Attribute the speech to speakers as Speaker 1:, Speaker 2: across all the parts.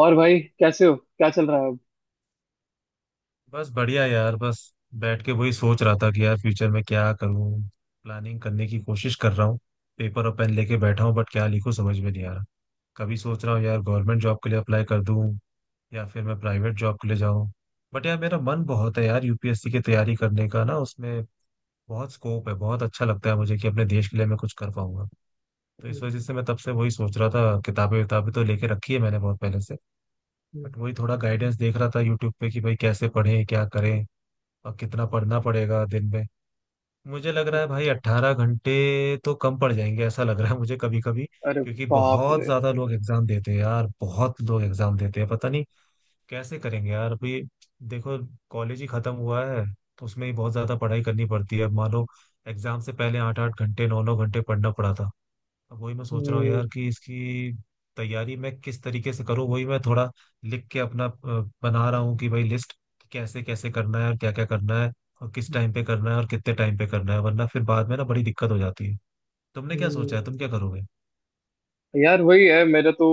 Speaker 1: और भाई, कैसे हो? क्या चल रहा है अब?
Speaker 2: बस बढ़िया यार बस बैठ के वही सोच रहा था कि यार फ्यूचर में क्या करूं। प्लानिंग करने की कोशिश कर रहा हूँ। पेपर और पेन लेके बैठा हूँ बट क्या लिखूं समझ में नहीं आ रहा। कभी सोच रहा हूँ यार गवर्नमेंट जॉब के लिए अप्लाई कर दूं या फिर मैं प्राइवेट जॉब के लिए जाऊं। बट यार मेरा मन बहुत है यार यूपीएससी की तैयारी करने का ना। उसमें बहुत स्कोप है। बहुत अच्छा लगता है मुझे कि अपने देश के लिए मैं कुछ कर पाऊंगा। तो इस
Speaker 1: हम्म।
Speaker 2: वजह से मैं तब से वही सोच रहा था। किताबें किताबें तो लेके रखी है मैंने बहुत पहले से। बट
Speaker 1: हम्म।
Speaker 2: वही थोड़ा गाइडेंस देख रहा था यूट्यूब पे कि भाई कैसे पढ़ें क्या करें और कितना पढ़ना पड़ेगा दिन में। मुझे लग रहा है
Speaker 1: हम्म।
Speaker 2: भाई 18 घंटे तो कम पड़ जाएंगे ऐसा लग रहा है मुझे कभी कभी।
Speaker 1: अरे!
Speaker 2: क्योंकि
Speaker 1: बाप
Speaker 2: बहुत
Speaker 1: रे!
Speaker 2: ज्यादा लोग एग्जाम देते हैं यार। बहुत लोग एग्जाम देते हैं। पता नहीं कैसे करेंगे यार। अभी देखो कॉलेज ही खत्म हुआ है तो उसमें ही बहुत ज्यादा पढ़ाई करनी पड़ती है। अब मानो एग्जाम से पहले 8-8 घंटे 9-9 घंटे पढ़ना पड़ा था। अब वही मैं सोच रहा हूँ
Speaker 1: हम्म।
Speaker 2: यार कि इसकी तैयारी मैं किस तरीके से करूँ। वही मैं थोड़ा लिख के अपना बना रहा हूँ कि भाई लिस्ट कैसे कैसे करना है और क्या क्या करना है और किस टाइम पे करना है और कितने टाइम पे करना है, वरना फिर बाद में ना बड़ी दिक्कत हो जाती है। तुमने क्या सोचा है,
Speaker 1: हम्म।
Speaker 2: तुम क्या करोगे?
Speaker 1: यार, वही है मेरा तो।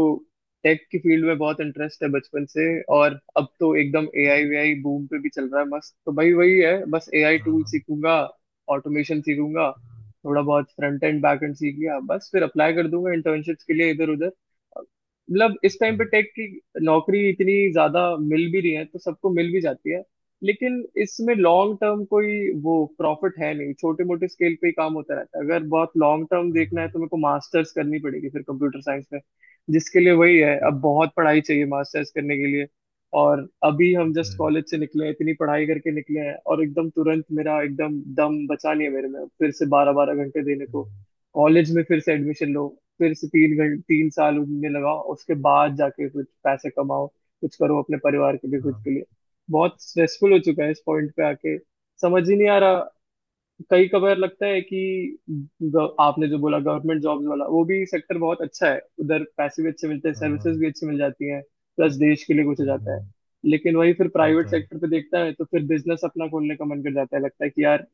Speaker 1: टेक की फील्ड में बहुत इंटरेस्ट है बचपन से। और अब तो एकदम एआई वीआई बूम पे भी चल रहा है, मस्त। तो भाई, वही है, बस एआई
Speaker 2: हाँ
Speaker 1: टूल
Speaker 2: हाँ।
Speaker 1: सीखूंगा, ऑटोमेशन सीखूंगा।
Speaker 2: हाँ,
Speaker 1: थोड़ा बहुत फ्रंट एंड बैक एंड सीख लिया, बस फिर अप्लाई कर दूंगा इंटर्नशिप्स के लिए इधर उधर। मतलब इस टाइम
Speaker 2: अच्छा।
Speaker 1: पे टेक की नौकरी इतनी ज्यादा मिल भी रही है तो सबको मिल भी जाती है। लेकिन इसमें लॉन्ग टर्म कोई वो प्रॉफिट है नहीं, छोटे मोटे स्केल पे ही काम होता रहता है। अगर बहुत लॉन्ग टर्म
Speaker 2: हाँ,
Speaker 1: देखना
Speaker 2: हाँ,
Speaker 1: है तो मेरे को मास्टर्स करनी पड़ेगी फिर कंप्यूटर साइंस में। जिसके लिए वही है,
Speaker 2: अच्छा।
Speaker 1: अब बहुत पढ़ाई चाहिए मास्टर्स करने के लिए। और अभी हम
Speaker 2: वो तो
Speaker 1: जस्ट
Speaker 2: है।
Speaker 1: कॉलेज से निकले हैं, इतनी पढ़ाई करके निकले हैं और एकदम तुरंत मेरा एकदम दम बचा नहीं है मेरे में फिर से 12 12 घंटे देने को।
Speaker 2: हम्म।
Speaker 1: कॉलेज में फिर से एडमिशन लो, फिर से 3 साल उनमें लगाओ, उसके बाद जाके कुछ पैसे कमाओ, कुछ करो अपने परिवार के लिए, खुद
Speaker 2: हाँ
Speaker 1: के लिए। बहुत स्ट्रेसफुल हो चुका है इस पॉइंट पे आके। समझ ही नहीं आ रहा। कई कबार लगता है कि आपने जो बोला गवर्नमेंट जॉब्स वाला, वो भी सेक्टर बहुत अच्छा है, उधर पैसे भी अच्छे मिलते हैं,
Speaker 2: हाँ। हाँ,
Speaker 1: सर्विसेज भी अच्छी मिल जाती हैं, प्लस देश के लिए कुछ हो जाता है।
Speaker 2: हम्म।
Speaker 1: लेकिन वही, फिर
Speaker 2: वो तो
Speaker 1: प्राइवेट
Speaker 2: है।
Speaker 1: सेक्टर पे देखता है तो फिर बिजनेस अपना खोलने का मन कर जाता है, लगता है कि यार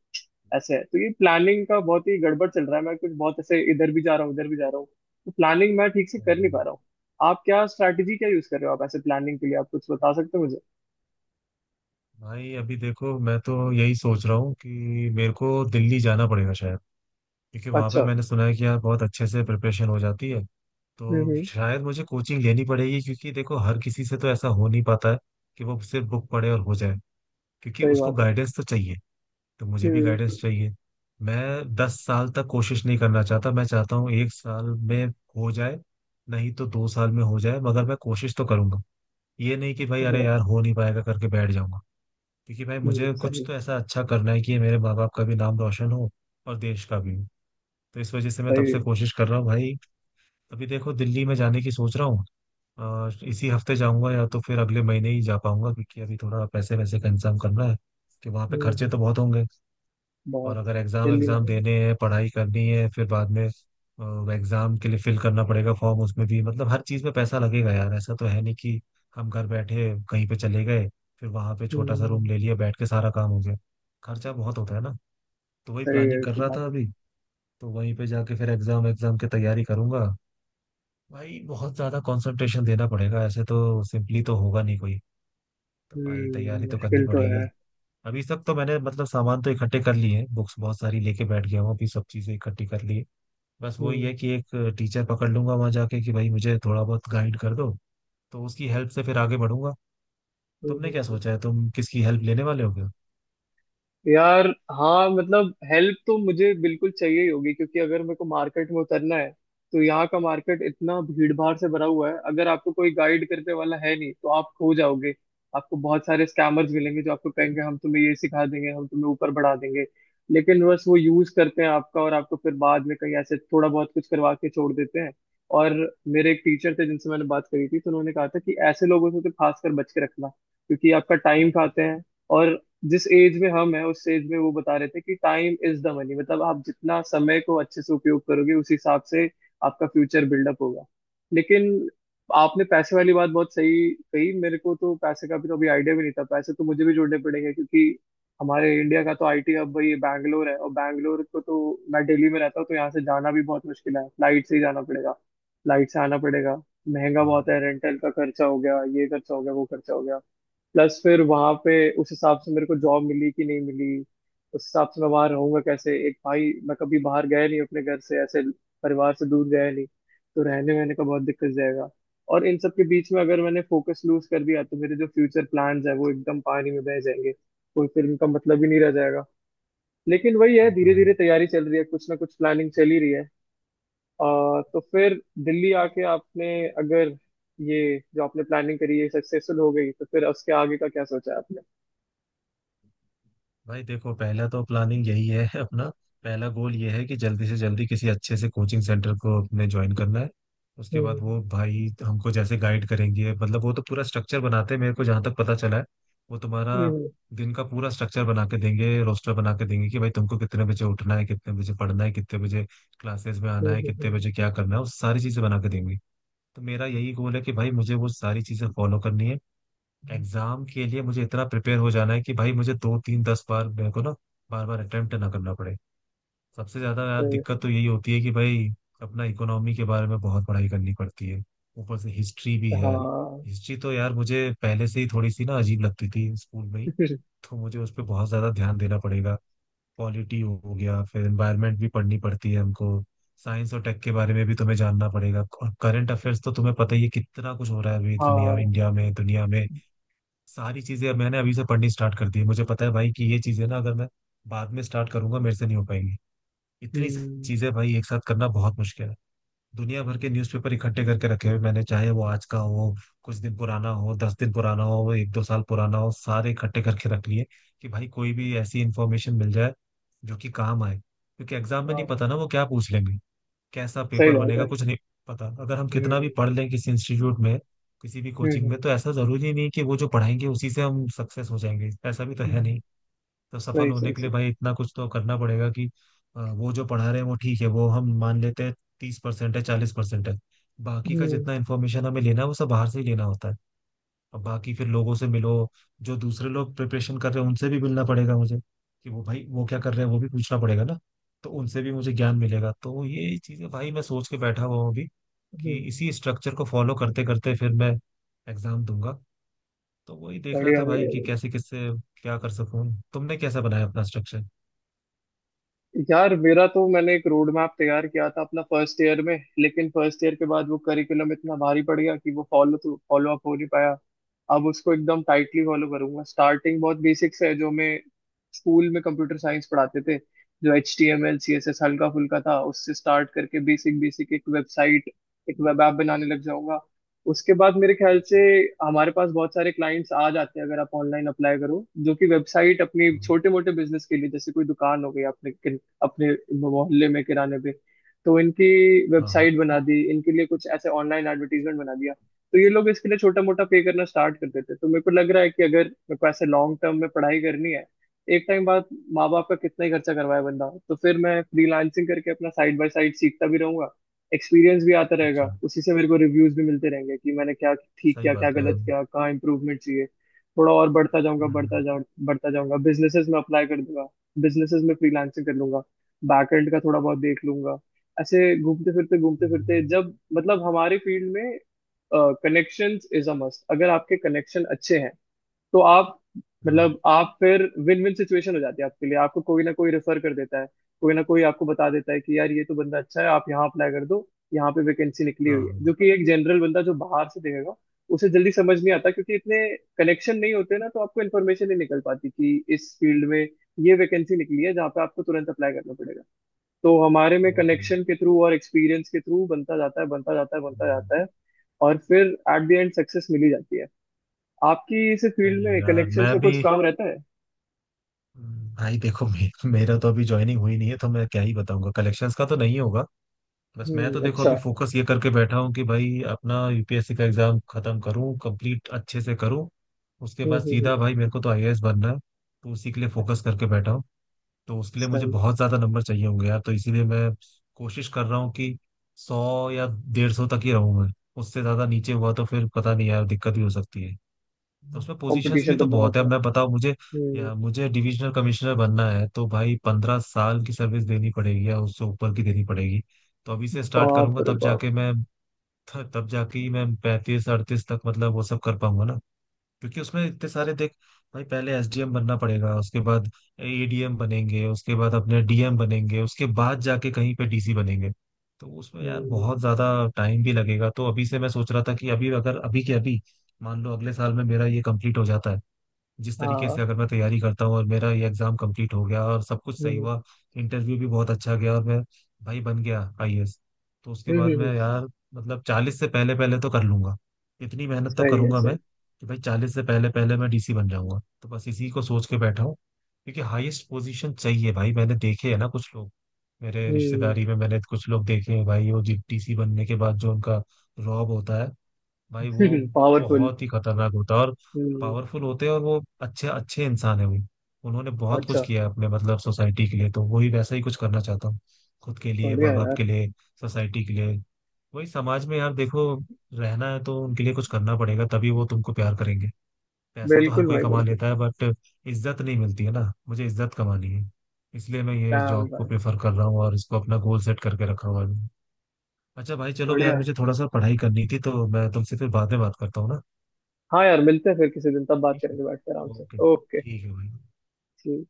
Speaker 1: ऐसे है। तो ये प्लानिंग का बहुत ही गड़बड़ चल रहा है, मैं कुछ बहुत ऐसे इधर भी जा रहा हूँ उधर भी जा रहा हूँ। तो प्लानिंग मैं ठीक से
Speaker 2: हाँ,
Speaker 1: कर नहीं पा
Speaker 2: हाँ।
Speaker 1: रहा हूँ। आप क्या स्ट्रैटेजी क्या यूज कर रहे हो आप ऐसे प्लानिंग के लिए? आप कुछ बता सकते हो मुझे?
Speaker 2: भाई अभी देखो मैं तो यही सोच रहा हूँ कि मेरे को दिल्ली जाना पड़ेगा शायद। क्योंकि वहाँ पे
Speaker 1: अच्छा।
Speaker 2: मैंने सुना है कि यार बहुत अच्छे से प्रिपरेशन हो जाती है। तो
Speaker 1: हम्म।
Speaker 2: शायद मुझे कोचिंग लेनी पड़ेगी। क्योंकि देखो हर किसी से तो ऐसा हो नहीं पाता है कि वो सिर्फ बुक पढ़े और हो जाए। क्योंकि
Speaker 1: सही
Speaker 2: उसको
Speaker 1: बात है।
Speaker 2: गाइडेंस तो चाहिए। तो मुझे भी
Speaker 1: हम्म।
Speaker 2: गाइडेंस चाहिए। मैं 10 साल तक कोशिश नहीं करना चाहता। मैं चाहता हूँ एक साल में हो जाए। नहीं तो 2 साल में हो जाए, मगर मैं कोशिश तो करूंगा। ये नहीं कि भाई अरे
Speaker 1: बढ़िया।
Speaker 2: यार हो नहीं पाएगा करके बैठ जाऊंगा। क्योंकि भाई
Speaker 1: हम्म।
Speaker 2: मुझे कुछ
Speaker 1: सही।
Speaker 2: तो ऐसा अच्छा करना है कि मेरे माँ बाप का भी नाम रोशन हो और देश का भी। तो इस वजह से मैं तब
Speaker 1: सही
Speaker 2: से
Speaker 1: है।
Speaker 2: कोशिश कर रहा हूँ भाई। अभी देखो दिल्ली में जाने की सोच रहा हूँ। इसी हफ्ते जाऊंगा या तो फिर अगले महीने ही जा पाऊंगा। क्योंकि अभी थोड़ा पैसे वैसे का इंतजाम करना है कि वहाँ पे खर्चे
Speaker 1: हम्म।
Speaker 2: तो बहुत होंगे। और
Speaker 1: बहुत
Speaker 2: अगर एग्जाम
Speaker 1: जल्दी
Speaker 2: एग्जाम
Speaker 1: आएगा।
Speaker 2: देने हैं, पढ़ाई करनी है, फिर बाद में एग्जाम के लिए फिल करना पड़ेगा फॉर्म। उसमें भी मतलब हर चीज में पैसा लगेगा यार। ऐसा तो है नहीं कि हम घर बैठे कहीं पे चले गए, फिर वहां पे छोटा सा रूम
Speaker 1: हम्म।
Speaker 2: ले लिया, बैठ के सारा काम हो गया। खर्चा बहुत होता है ना। तो वही
Speaker 1: सही
Speaker 2: प्लानिंग
Speaker 1: है
Speaker 2: कर
Speaker 1: की
Speaker 2: रहा
Speaker 1: बात
Speaker 2: था
Speaker 1: है।
Speaker 2: अभी। तो वहीं पे जाके फिर एग्जाम एग्जाम की तैयारी करूंगा। भाई बहुत ज्यादा कंसंट्रेशन देना पड़ेगा। ऐसे तो सिंपली तो होगा नहीं कोई। तो भाई
Speaker 1: हम्म।
Speaker 2: तैयारी तो करनी
Speaker 1: मुश्किल तो
Speaker 2: पड़ेगी।
Speaker 1: है।
Speaker 2: अभी तक तो मैंने मतलब सामान तो इकट्ठे कर लिए हैं। बुक्स बहुत सारी लेके बैठ गया हूँ। अभी सब चीजें इकट्ठी कर ली है। बस वही है
Speaker 1: हम्म।
Speaker 2: कि एक टीचर पकड़ लूंगा वहां जाके कि भाई मुझे थोड़ा बहुत गाइड कर दो। तो उसकी हेल्प से फिर आगे बढ़ूंगा।
Speaker 1: हम्म।
Speaker 2: तुमने
Speaker 1: हम्म।
Speaker 2: क्या
Speaker 1: हम्म।
Speaker 2: सोचा है? तुम किसकी हेल्प लेने वाले हो क्या?
Speaker 1: यार। हाँ, मतलब हेल्प तो मुझे बिल्कुल चाहिए ही होगी, क्योंकि अगर मेरे को मार्केट में उतरना है तो यहाँ का मार्केट इतना भीड़ भाड़ से भरा हुआ है, अगर आपको कोई गाइड करने वाला है नहीं तो आप खो जाओगे। आपको बहुत सारे स्कैमर्स मिलेंगे जो आपको कहेंगे हम तुम्हें ये सिखा देंगे, हम तुम्हें ऊपर बढ़ा देंगे, लेकिन बस वो यूज करते हैं आपका और आपको फिर बाद में कहीं ऐसे थोड़ा बहुत कुछ करवा के छोड़ देते हैं। और मेरे एक टीचर थे जिनसे मैंने बात करी थी, तो उन्होंने कहा था कि ऐसे लोगों से तो खासकर बच के रखना क्योंकि आपका टाइम खाते हैं। और जिस एज में हम है उस एज में वो बता रहे थे कि टाइम इज द मनी, मतलब आप जितना समय को अच्छे से उपयोग करोगे उस हिसाब से आपका फ्यूचर बिल्डअप होगा। लेकिन आपने पैसे वाली बात बहुत सही कही, मेरे को तो पैसे का भी तो अभी आइडिया भी नहीं था। पैसे तो मुझे भी जोड़ने पड़ेंगे क्योंकि हमारे इंडिया का तो आईटी हब भाई बैंगलोर है, और बैंगलोर को तो, मैं दिल्ली में रहता हूँ तो यहाँ से जाना भी बहुत मुश्किल है, फ्लाइट से ही जाना पड़ेगा, फ्लाइट से आना पड़ेगा, महंगा बहुत है। रेंटल का खर्चा हो गया, ये खर्चा हो गया, वो खर्चा हो गया, प्लस फिर वहां पे उस हिसाब से मेरे को जॉब मिली कि नहीं मिली, उस हिसाब से मैं वहां रहूंगा कैसे एक, भाई मैं कभी बाहर गया नहीं अपने घर से ऐसे, परिवार से दूर गया नहीं तो रहने वहने का बहुत दिक्कत जाएगा। और इन सब के बीच में अगर मैंने फोकस लूज कर दिया तो मेरे जो फ्यूचर प्लान्स है वो एकदम पानी में बह जाएंगे। कोई फिर उनका मतलब ही नहीं रह जाएगा। लेकिन वही है,
Speaker 2: वो तो
Speaker 1: धीरे
Speaker 2: है।
Speaker 1: धीरे तैयारी चल रही है, कुछ ना कुछ प्लानिंग चल ही रही है। तो फिर दिल्ली आके आपने, अगर ये जो आपने प्लानिंग करी है सक्सेसफुल हो गई, तो फिर उसके आगे का क्या सोचा है आपने?
Speaker 2: भाई देखो पहला तो प्लानिंग यही है अपना पहला गोल ये है कि जल्दी से जल्दी किसी अच्छे से कोचिंग सेंटर को अपने ज्वाइन करना है। उसके बाद
Speaker 1: हम्म।
Speaker 2: वो भाई हमको जैसे गाइड करेंगे, मतलब वो तो पूरा स्ट्रक्चर बनाते हैं मेरे को, जहाँ तक पता चला है। वो तुम्हारा
Speaker 1: हम्म।
Speaker 2: दिन का पूरा स्ट्रक्चर बना के देंगे, रोस्टर बना के देंगे कि भाई तुमको कितने बजे उठना है, कितने बजे पढ़ना है, कितने बजे क्लासेस में आना है, कितने
Speaker 1: हम्म।
Speaker 2: बजे क्या करना है, वो सारी चीजें बना के देंगे। तो मेरा यही गोल है कि भाई मुझे वो सारी चीजें फॉलो करनी है।
Speaker 1: हम्म।
Speaker 2: एग्जाम के लिए मुझे इतना प्रिपेयर हो जाना है कि भाई मुझे दो तीन दस बार मेरे को ना बार बार अटेम्प्ट ना करना पड़े। सबसे ज्यादा यार
Speaker 1: सही है।
Speaker 2: दिक्कत तो यही होती है कि भाई अपना इकोनॉमी के बारे में बहुत पढ़ाई करनी पड़ती है। ऊपर से हिस्ट्री भी है।
Speaker 1: हाँ।
Speaker 2: हिस्ट्री तो यार मुझे पहले से ही थोड़ी सी ना अजीब लगती थी स्कूल में ही। तो मुझे उस पर बहुत ज्यादा ध्यान देना पड़ेगा। पॉलिटी हो गया। फिर एनवायरमेंट भी पढ़नी पड़ती है हमको। साइंस और टेक के बारे में भी तुम्हें जानना पड़ेगा। और करंट अफेयर्स तो तुम्हें पता ही है कितना कुछ हो रहा है अभी दुनिया,
Speaker 1: हाँ।
Speaker 2: इंडिया में, दुनिया में। सारी चीजें अब मैंने अभी से पढ़नी स्टार्ट कर दी है। मुझे पता है भाई कि ये चीजें ना अगर मैं बाद में स्टार्ट करूंगा मेरे से नहीं हो पाएंगी। इतनी सी
Speaker 1: हम्म।
Speaker 2: चीजें भाई एक साथ करना बहुत मुश्किल है। दुनिया भर के न्यूज़पेपर इकट्ठे करके रखे हुए मैंने, चाहे वो आज का हो, कुछ दिन पुराना हो, 10 दिन पुराना हो, वो 1-2 साल पुराना हो, सारे इकट्ठे करके रख लिए कि भाई कोई भी ऐसी इंफॉर्मेशन मिल जाए जो कि काम आए। क्योंकि एग्जाम में नहीं
Speaker 1: हाँ।
Speaker 2: पता ना वो क्या पूछ लेंगे, कैसा
Speaker 1: सही
Speaker 2: पेपर
Speaker 1: बात
Speaker 2: बनेगा,
Speaker 1: है।
Speaker 2: कुछ नहीं पता। अगर हम कितना भी
Speaker 1: हम्म।
Speaker 2: पढ़ लें किसी इंस्टीट्यूट में, किसी भी
Speaker 1: हम्म।
Speaker 2: कोचिंग में,
Speaker 1: हम्म।
Speaker 2: तो ऐसा जरूरी नहीं कि वो जो पढ़ाएंगे उसी से हम सक्सेस हो जाएंगे। ऐसा भी तो है
Speaker 1: हम्म।
Speaker 2: नहीं। तो सफल
Speaker 1: सही
Speaker 2: होने
Speaker 1: सही
Speaker 2: के लिए
Speaker 1: सही।
Speaker 2: भाई इतना कुछ तो करना पड़ेगा कि वो जो पढ़ा रहे हैं वो ठीक है, वो हम मान लेते हैं। 30% है, 40% है। बाकी का
Speaker 1: हम्म।
Speaker 2: जितना इन्फॉर्मेशन हमें लेना है वो सब बाहर से ही लेना होता है। अब बाकी फिर लोगों से मिलो, जो दूसरे लोग प्रिपरेशन कर रहे हैं उनसे भी मिलना पड़ेगा मुझे, कि वो भाई वो क्या कर रहे हैं वो भी पूछना पड़ेगा ना। तो उनसे भी मुझे ज्ञान मिलेगा। तो ये चीजें भाई मैं सोच के बैठा हुआ हूँ अभी कि
Speaker 1: हम्म।
Speaker 2: इसी स्ट्रक्चर को फॉलो करते करते फिर मैं एग्जाम दूंगा। तो वही देख रहा
Speaker 1: बढ़िया
Speaker 2: था भाई कि
Speaker 1: बढ़िया।
Speaker 2: कैसे किससे क्या कर सकूं। तुमने कैसा बनाया अपना स्ट्रक्चर?
Speaker 1: यार मेरा तो, मैंने एक रोड मैप तैयार किया था अपना फर्स्ट ईयर में, लेकिन फर्स्ट ईयर के बाद वो करिकुलम इतना भारी पड़ गया कि वो फॉलो तो फॉलो अप हो नहीं पाया। अब उसको एकदम टाइटली फॉलो करूंगा। स्टार्टिंग बहुत बेसिक्स है जो मैं स्कूल में कंप्यूटर साइंस पढ़ाते थे, जो HTML CSS हल्का फुल्का था, उससे स्टार्ट करके बेसिक बेसिक एक वेबसाइट एक वेब ऐप बनाने लग जाऊंगा। उसके बाद मेरे ख्याल से
Speaker 2: अच्छा।
Speaker 1: हमारे पास बहुत सारे क्लाइंट्स आ जाते हैं अगर आप ऑनलाइन अप्लाई करो, जो कि वेबसाइट अपनी
Speaker 2: हम्म,
Speaker 1: छोटे मोटे बिजनेस के लिए, जैसे कोई दुकान हो गई आपने अपने मोहल्ले में किराने पे, तो इनकी
Speaker 2: हाँ हाँ।
Speaker 1: वेबसाइट बना दी, इनके लिए कुछ ऐसे ऑनलाइन एडवर्टीजमेंट बना दिया, तो ये लोग इसके लिए छोटा मोटा पे करना स्टार्ट कर देते। तो मेरे को लग रहा है कि अगर मेरे को ऐसे लॉन्ग टर्म में पढ़ाई करनी है एक टाइम बाद, माँ बाप का कितना ही खर्चा करवाए बंदा, तो फिर मैं फ्रीलांसिंग करके अपना साइड बाय साइड सीखता भी रहूंगा, एक्सपीरियंस भी आता रहेगा,
Speaker 2: अच्छा,
Speaker 1: उसी से मेरे को रिव्यूज भी मिलते रहेंगे कि मैंने क्या ठीक
Speaker 2: सही
Speaker 1: किया, क्या
Speaker 2: बात है।
Speaker 1: गलत किया, कहाँ इंप्रूवमेंट चाहिए। थोड़ा और बढ़ता जाऊंगा,
Speaker 2: हम्म,
Speaker 1: बढ़ता जाऊंगा, बिजनेसेस में अप्लाई कर दूंगा, बिजनेसेस में फ्रीलांसिंग कर लूंगा, बैक एंड का थोड़ा बहुत देख लूंगा। ऐसे घूमते फिरते घूमते फिरते,
Speaker 2: हम्म।
Speaker 1: जब मतलब हमारे फील्ड में कनेक्शंस इज अ मस्ट, अगर आपके कनेक्शन अच्छे हैं तो आप,
Speaker 2: हाँ
Speaker 1: मतलब आप फिर विन विन सिचुएशन हो जाती है आपके लिए, आपको कोई ना कोई रेफर कर देता है, कोई ना कोई आपको बता देता है कि यार ये तो बंदा अच्छा है आप यहाँ अप्लाई कर दो, यहाँ पे वैकेंसी निकली
Speaker 2: हाँ।
Speaker 1: हुई है, जो
Speaker 2: हाँ,
Speaker 1: कि एक जनरल बंदा जो बाहर से देखेगा उसे जल्दी समझ नहीं आता क्योंकि इतने कनेक्शन नहीं होते ना, तो आपको इन्फॉर्मेशन नहीं निकल पाती कि इस फील्ड में ये वैकेंसी निकली है जहाँ पे आपको तुरंत अप्लाई करना पड़ेगा। तो हमारे में
Speaker 2: वो तो है।
Speaker 1: कनेक्शन के थ्रू और एक्सपीरियंस के थ्रू बनता जाता है बनता जाता है बनता
Speaker 2: हम्म,
Speaker 1: जाता है। और फिर एट द एंड सक्सेस मिली जाती है। आपकी इस फील्ड
Speaker 2: सही है
Speaker 1: में
Speaker 2: यार।
Speaker 1: कनेक्शन
Speaker 2: मैं
Speaker 1: का कुछ
Speaker 2: भी
Speaker 1: काम रहता है।
Speaker 2: हम्म। भाई देखो मेरा तो अभी ज्वाइनिंग हुई नहीं है तो मैं क्या ही बताऊंगा, कलेक्शंस का तो नहीं होगा। बस मैं तो
Speaker 1: हम्म।
Speaker 2: देखो
Speaker 1: अच्छा।
Speaker 2: अभी फोकस ये करके बैठा हूँ कि भाई अपना यूपीएससी का एग्जाम खत्म करूँ, कंप्लीट अच्छे से करूँ। उसके
Speaker 1: हम्म।
Speaker 2: बाद
Speaker 1: हम्म। हम्म।
Speaker 2: सीधा भाई मेरे को तो आईएएस बनना है। तो उसी के लिए फोकस करके बैठा हूँ। तो उसके लिए मुझे
Speaker 1: सही।
Speaker 2: बहुत ज्यादा नंबर चाहिए होंगे यार। तो इसीलिए मैं कोशिश कर रहा हूँ कि 100 या 150 तक ही रहूँ मैं। उससे ज्यादा नीचे हुआ तो फिर पता नहीं यार दिक्कत भी हो सकती है। तो उसमें पोजीशंस
Speaker 1: कंपटीशन
Speaker 2: भी
Speaker 1: तो
Speaker 2: तो बहुत
Speaker 1: बहुत
Speaker 2: है,
Speaker 1: है।
Speaker 2: मैं बताऊं मुझे
Speaker 1: हम्म।
Speaker 2: या मुझे डिविजनल कमिश्नर बनना है तो भाई 15 साल की सर्विस देनी पड़ेगी या उससे ऊपर की देनी पड़ेगी। तो अभी से स्टार्ट
Speaker 1: बाप
Speaker 2: करूंगा
Speaker 1: रे
Speaker 2: तब
Speaker 1: बाप।
Speaker 2: जाके मैं, तब जाके ही मैं 35-38 तक मतलब वो सब कर पाऊंगा ना। क्योंकि उसमें इतने सारे देख, भाई पहले एसडीएम बनना पड़ेगा, उसके बाद एडीएम बनेंगे, उसके बाद अपने डीएम बनेंगे, उसके बाद जाके कहीं पे डीसी बनेंगे। तो उसमें यार
Speaker 1: हम्म।
Speaker 2: बहुत ज्यादा टाइम भी लगेगा। तो अभी से मैं सोच रहा था कि अभी, अगर अभी के अभी मान लो अगले साल में मेरा ये कंप्लीट हो जाता है, जिस तरीके से
Speaker 1: हाँ।
Speaker 2: अगर मैं तैयारी करता हूँ और मेरा ये एग्जाम कंप्लीट हो गया और सब कुछ सही
Speaker 1: हम्म।
Speaker 2: हुआ, इंटरव्यू भी बहुत अच्छा गया और मैं भाई बन गया आईएएस। तो उसके
Speaker 1: हम्म।
Speaker 2: बाद
Speaker 1: हम्म।
Speaker 2: मैं यार मतलब 40 से पहले पहले तो कर लूंगा। इतनी मेहनत तो
Speaker 1: सही है
Speaker 2: करूंगा मैं
Speaker 1: सही।
Speaker 2: कि भाई 40 से पहले पहले मैं डीसी बन जाऊंगा। तो बस इसी को सोच के बैठा हूँ। क्योंकि हाईएस्ट पोजीशन चाहिए भाई। मैंने देखे है ना कुछ लोग, मेरे
Speaker 1: हम्म।
Speaker 2: रिश्तेदारी में मैंने कुछ लोग देखे हैं भाई, वो डीसी बनने के बाद जो उनका रॉब होता है भाई वो
Speaker 1: पावरफुल।
Speaker 2: बहुत ही खतरनाक होता है। और
Speaker 1: हम्म।
Speaker 2: पावरफुल होते हैं। और वो अच्छे अच्छे इंसान है वो, उन्होंने बहुत कुछ
Speaker 1: अच्छा।
Speaker 2: किया है अपने मतलब सोसाइटी के लिए। तो वही वैसा ही कुछ करना चाहता हूँ, खुद के लिए,
Speaker 1: बढ़िया
Speaker 2: माँ बाप
Speaker 1: यार।
Speaker 2: के लिए, सोसाइटी के लिए। वही समाज में यार देखो रहना है तो उनके लिए कुछ करना पड़ेगा, तभी वो तुमको प्यार करेंगे। पैसा तो हर
Speaker 1: बिल्कुल
Speaker 2: कोई
Speaker 1: भाई
Speaker 2: कमा
Speaker 1: बिल्कुल।
Speaker 2: लेता है बट इज्जत नहीं मिलती है ना। मुझे इज्जत कमानी है। इसलिए मैं ये
Speaker 1: damn
Speaker 2: जॉब को
Speaker 1: भाई।
Speaker 2: प्रेफर कर रहा हूँ और इसको अपना गोल सेट करके रखा हुआ है। अच्छा भाई चलो यार,
Speaker 1: बढ़िया।
Speaker 2: मुझे थोड़ा सा पढ़ाई करनी थी, तो मैं तुमसे फिर बाद में बात करता हूँ ना।
Speaker 1: हाँ यार, मिलते हैं फिर किसी दिन, तब बात
Speaker 2: ठीक है।
Speaker 1: करेंगे बैठ के आराम से।
Speaker 2: Okay
Speaker 1: okay.
Speaker 2: ठीक है भाई।
Speaker 1: जी।